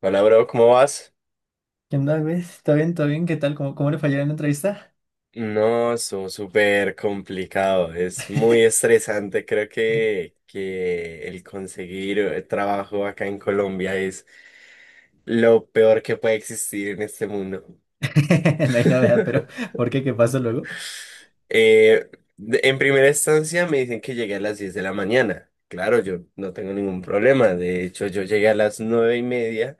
Hola, bro, ¿cómo vas? ¿Qué onda, güey? ¿Está bien? ¿Todo bien? ¿Qué tal? ¿Cómo le fallaron en la entrevista? No, estuvo súper complicado, es muy estresante, creo que el conseguir trabajo acá en Colombia es lo peor que puede existir en este mundo. No hay novedad, pero ¿por qué? ¿Qué pasó luego? Eh, en primera instancia me dicen que llegué a las 10 de la mañana, claro, yo no tengo ningún problema, de hecho yo llegué a las 9:30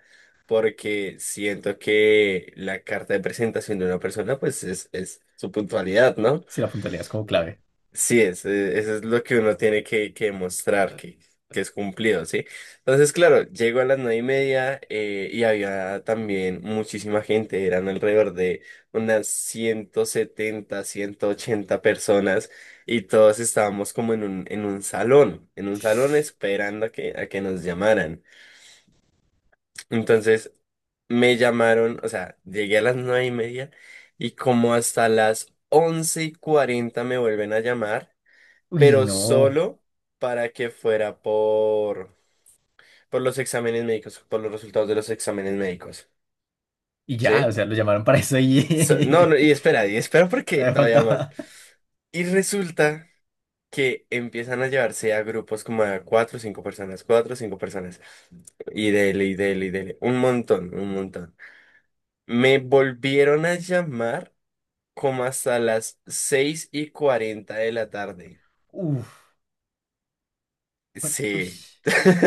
porque siento que la carta de presentación de una persona pues es su puntualidad, ¿no? Si la puntualidad es como clave. Sí, eso es lo que uno tiene que demostrar, que es cumplido, ¿sí? Entonces, claro, llego a las 9:30 y había también muchísima gente, eran alrededor de unas 170, 180 personas y todos estábamos como en un salón esperando a que nos llamaran. Entonces, me llamaron, o sea, llegué a las 9:30 y como hasta las 11:40 me vuelven a llamar Uy, pero no. solo para que fuera por los exámenes médicos, por los resultados de los exámenes médicos, Y ya, ¿sí? o sea, lo llamaron para eso No, y no, y espera porque todavía todavía mal. faltaba. Y resulta que empiezan a llevarse a grupos como a cuatro o cinco personas, cuatro o cinco personas. Y dele, y dele, y dele. Un montón, un montón. Me volvieron a llamar como hasta las 6:40 de la tarde. Uf, uy, Sí.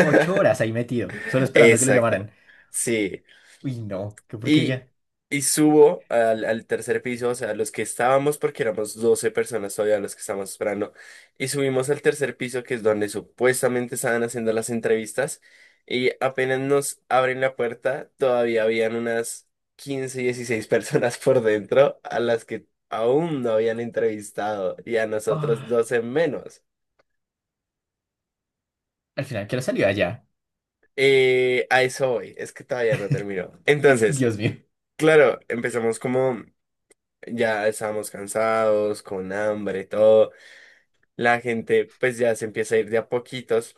ocho horas ahí metido, solo esperando que lo Exacto. llamaran. Sí. Uy, no, qué Y, porquería. y subo al tercer piso, o sea, los que estábamos, porque éramos 12 personas todavía los que estábamos esperando, y subimos al tercer piso, que es donde supuestamente estaban haciendo las entrevistas, y apenas nos abren la puerta, todavía habían unas 15 16 personas por dentro a las que aún no habían entrevistado, y a nosotros Ah, 12 menos. al final, ¿qué hora salió allá? A eso voy, es que todavía no terminó. Entonces, Dios mío, claro, empezamos como. Ya estábamos cansados, con hambre, todo. La gente pues ya se empieza a ir de a poquitos.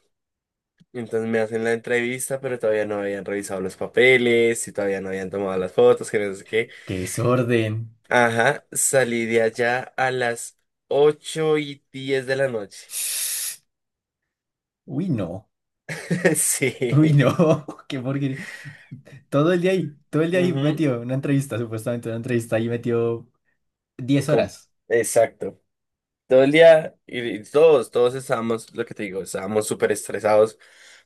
Entonces me hacen la entrevista, pero todavía no habían revisado los papeles y todavía no habían tomado las fotos, que no sé qué. qué desorden. Ajá, salí de allá a las 8:10 de la noche. Uy, no. Uy, Sí. no, qué porquería. Todo el día ahí, todo el día ahí Ujú, metido en una entrevista, supuestamente una entrevista ahí metió 10 com- horas. Exacto. Todo el día, y todos estábamos, lo que te digo, estábamos súper estresados.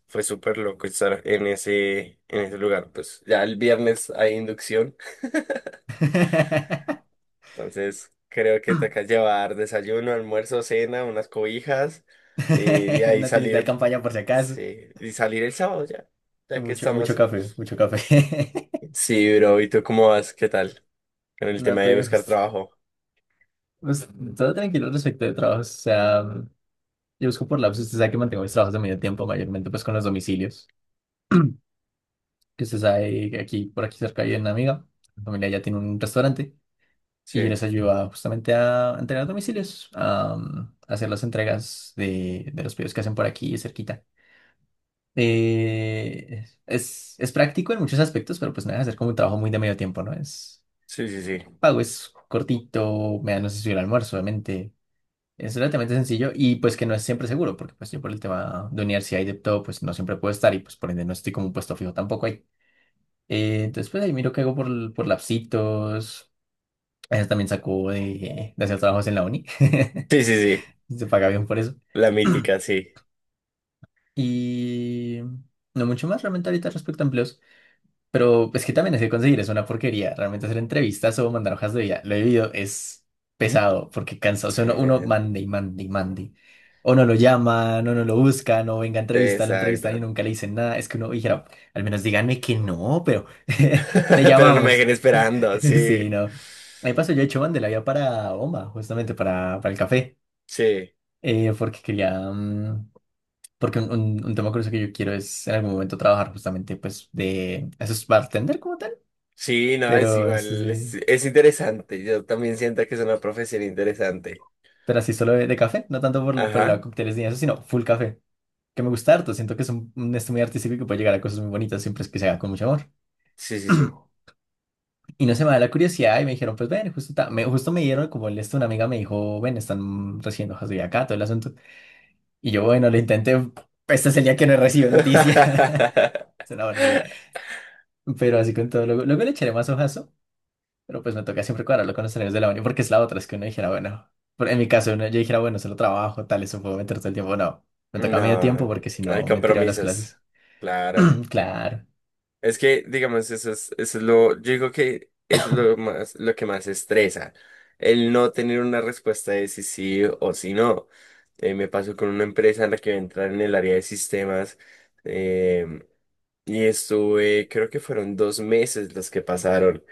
Fue súper loco estar en ese lugar. Pues ya el viernes hay inducción. Entonces, creo que te toca llevar desayuno, almuerzo, cena, unas cobijas, y de ahí Una tiendita de salir, campaña por si acaso. sí, y salir el sábado ya, Y ya que mucho, mucho estamos. café, mucho café. Sí, bro, ¿y tú cómo vas? ¿Qué tal? Con el No tema de buscar tuvimos. trabajo. Pues, todo tranquilo respecto de trabajos. O sea, yo busco por lapsos. Usted sabe que mantengo mis trabajos de medio tiempo, mayormente pues con los domicilios. Que usted sabe que aquí, por aquí cerca hay una amiga. La familia ya tiene un restaurante. Sí, Y yo les ayudo justamente a entregar domicilios, a, hacer las entregas de los pedidos que hacen por aquí cerquita. Es práctico en muchos aspectos, pero pues me deja hacer como un trabajo muy de medio tiempo, ¿no? Es sí, sí, sí. pago, es cortito, me dan un sencillo almuerzo, obviamente. Es relativamente sencillo y pues que no es siempre seguro, porque pues yo por el tema de universidad y de todo, pues no siempre puedo estar y pues por ende no estoy como un puesto fijo tampoco ahí. Entonces pues ahí miro qué hago por lapsitos. A veces también saco de hacer trabajos en la uni. Sí, sí, sí. Se paga bien por eso. La mítica, sí. Y no mucho más realmente ahorita respecto a empleos. Pero es que también es que conseguir es una porquería. Realmente hacer entrevistas o mandar hojas de vida. Lo he vivido, es pesado porque cansa. O sea, uno Sí, mande y mande y mande. O no lo llaman, o no lo buscan, o venga a entrevistar, lo entrevistan y exacto. nunca le dicen nada. Es que uno dijera, al menos díganme que no, pero te Pero no me llamamos. dejen esperando, Sí, sí, no. Ahí pasó, yo he hecho la ya para Bomba, justamente para el café, sí, porque quería, porque un tema curioso que yo quiero es en algún momento trabajar justamente pues de... Eso es bartender como tal, sí, no, es pero eso es igual, es, es interesante, yo también siento que es una profesión interesante. pero así solo de café, no tanto por el lado Ajá, de cócteles ni eso, sino full café, que me gusta harto. Siento que es un esto muy artístico y que puede llegar a cosas muy bonitas siempre es que se haga con mucho amor. sí, sí, sí. Y no se me da la curiosidad y me dijeron, pues ven, justo, justo me dieron como el esto, una amiga me dijo, ven, están recibiendo hojas de vida acá, todo el asunto. Y yo, bueno, lo intenté, este es el día que no recibo noticias. Es una porquería. Pero así con todo, luego, luego le echaré más hojas. Pero pues me toca siempre cuadrarlo con los horarios de la uni, porque es la otra, es que uno dijera, bueno, en mi caso uno, yo dijera, bueno, solo trabajo, tal, eso puedo meter todo el tiempo. No, me toca medio tiempo No, porque si hay no me tiro de las compromisos, clases. claro. Claro. Es que, digamos, eso es lo, yo digo que eso es lo más, lo que más estresa, el no tener una respuesta de si sí o si no. Me pasó con una empresa en la que voy a entrar en el área de sistemas. eh, Y estuve, creo que fueron 2 meses los que pasaron.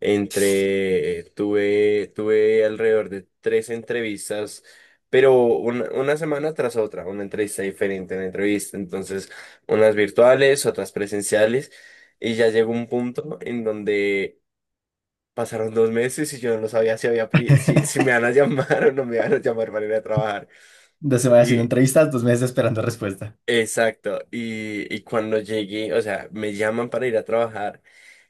Tuve alrededor de tres entrevistas, pero una semana tras otra, una entrevista diferente, una entrevista. Entonces, unas virtuales, otras presenciales. Y ya llegó un punto en donde pasaron 2 meses y yo no sabía si había, apli- si, si me van a llamar o no me van a llamar para ir a trabajar. Dos semanas haciendo Y, entrevistas, dos meses esperando respuesta. exacto. Y cuando llegué, o sea, me llaman para ir a trabajar.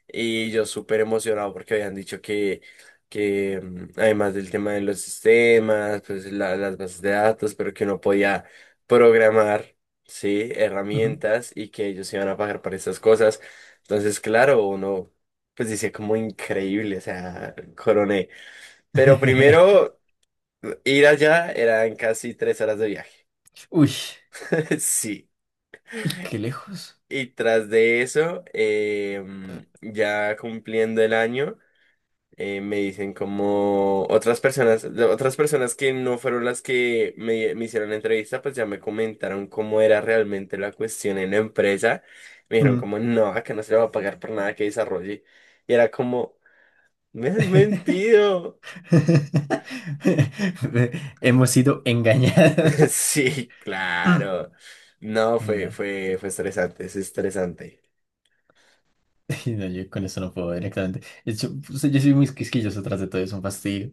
Y yo súper emocionado porque habían dicho que además del tema de los sistemas, pues las bases de datos, pero que uno podía programar, ¿sí? Ujú. Herramientas y que ellos iban a pagar para estas cosas. Entonces, claro, uno pues dice como increíble, o sea, coroné. Pero primero, ir allá eran casi 3 horas de viaje. Uy, Sí. y qué lejos. Y tras de eso, ya cumpliendo el año. Me dicen como otras personas, de otras personas que no fueron las que me hicieron la entrevista, pues ya me comentaron cómo era realmente la cuestión en la empresa. Me dijeron Mm. como, no, acá no se le va a pagar por nada que desarrolle. Y era como, me han mentido. Hemos sido engañados. Sí, Mm. claro. No, Y fue, nada. fue, fue estresante, es estresante. Y no, yo con eso no puedo directamente. De hecho, pues, yo soy muy quisquilloso tras de todo, es un fastidio.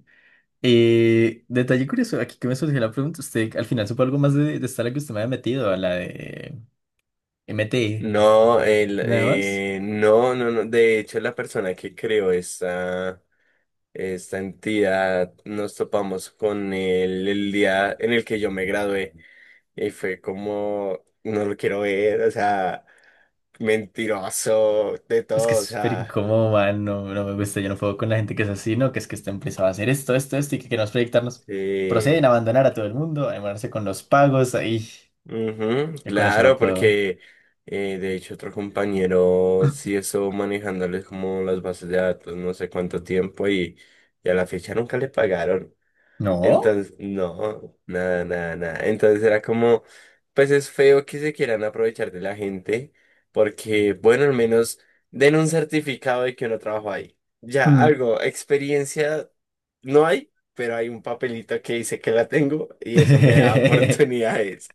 Detalle curioso, aquí que me surgió la pregunta, ¿usted al final supo algo más de esta a la que usted me había metido, a la de MT, No, nada más? No, no, no. De hecho, la persona que creó esta entidad nos topamos con él el día en el que yo me gradué y fue como, no lo quiero ver, o sea, mentiroso, de Es que todo, es o súper sea, incómodo, man, no, no me gusta, yo no puedo con la gente que es así, ¿no? Que es que esta empresa va a hacer esto, esto, esto y que queremos proyectarnos. sí. Proceden a abandonar a todo el mundo, a demorarse con los pagos, ahí. Ujú, Yo con eso no claro, puedo. porque de hecho otro compañero sí estuvo manejándoles como las bases de datos no sé cuánto tiempo y a la fecha nunca le pagaron. ¿No? Entonces, no, nada, nada, nada. Entonces era como, pues es feo que se quieran aprovechar de la gente, porque, bueno, al menos den un certificado de que uno trabajó ahí. Ya, Mm. algo, experiencia no hay, pero hay un papelito que dice que la tengo y eso me da oportunidades.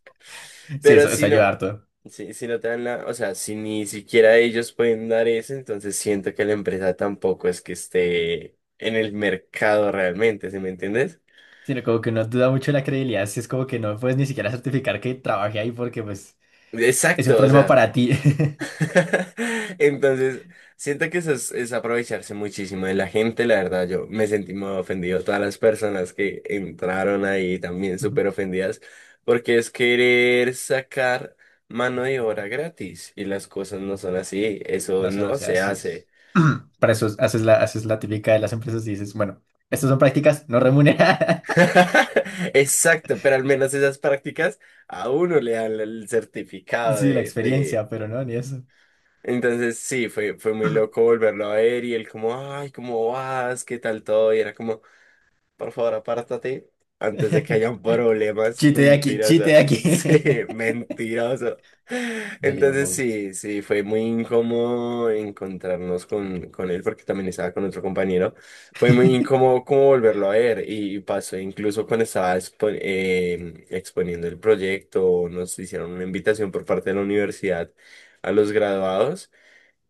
Sí, Pero eso, si eso ayuda no, harto. si no te dan la, o sea, si ni siquiera ellos pueden dar eso, entonces siento que la empresa tampoco es que esté en el mercado realmente, ¿sí me entiendes? Sino como que uno duda mucho de la credibilidad, si es como que no puedes ni siquiera certificar que trabajé ahí porque pues es un Exacto, o problema sea. para ti. Entonces, siento que eso es aprovecharse muchísimo de la gente, la verdad. Yo me sentí muy ofendido. Todas las personas que entraron ahí también Ujú. súper ofendidas, porque es querer sacar mano de obra gratis y las cosas no son así. Eso No solo no se se haces. hace. Para eso es- haces la típica de las empresas y dices, bueno, estas son prácticas no remuneradas. Exacto, pero al menos esas prácticas a uno le dan el certificado Sí, la de experiencia, pero no, ni eso. Entonces sí, fue muy loco volverlo a ver y él como, ay, ¿cómo vas? ¿Qué tal todo? Y era como, por favor, apártate antes de que hayan problemas. Chiste de aquí, chiste de Mentiroso. Sí, aquí. mentiroso. Me llevo. Entonces Bob. sí, sí, fue muy incómodo encontrarnos con él porque también estaba con otro compañero. Fue muy incómodo como volverlo a ver y pasó incluso cuando estaba exponiendo el proyecto, nos hicieron una invitación por parte de la universidad a los graduados.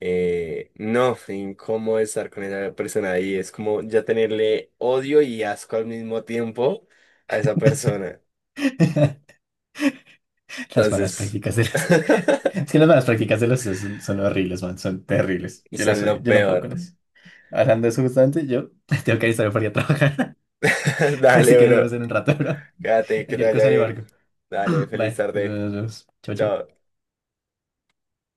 No, fue incómodo estar con esa persona ahí. Es como ya tenerle odio y asco al mismo tiempo a esa persona. Las malas Entonces, prácticas de las. Es que las malas prácticas de los CEOs son, son horribles, man, son terribles. Yo las son odio, lo yo no puedo peor. con eso. Hablando de eso justamente, yo tengo que alistarme para ir a trabajar. Así que Dale, nos vemos bro. en un rato, bro. Quédate, que te Cualquier vaya cosa le bien. marco. Dale, feliz Vale, nos vemos. tarde. Nos vemos. Chau, Chao. chau.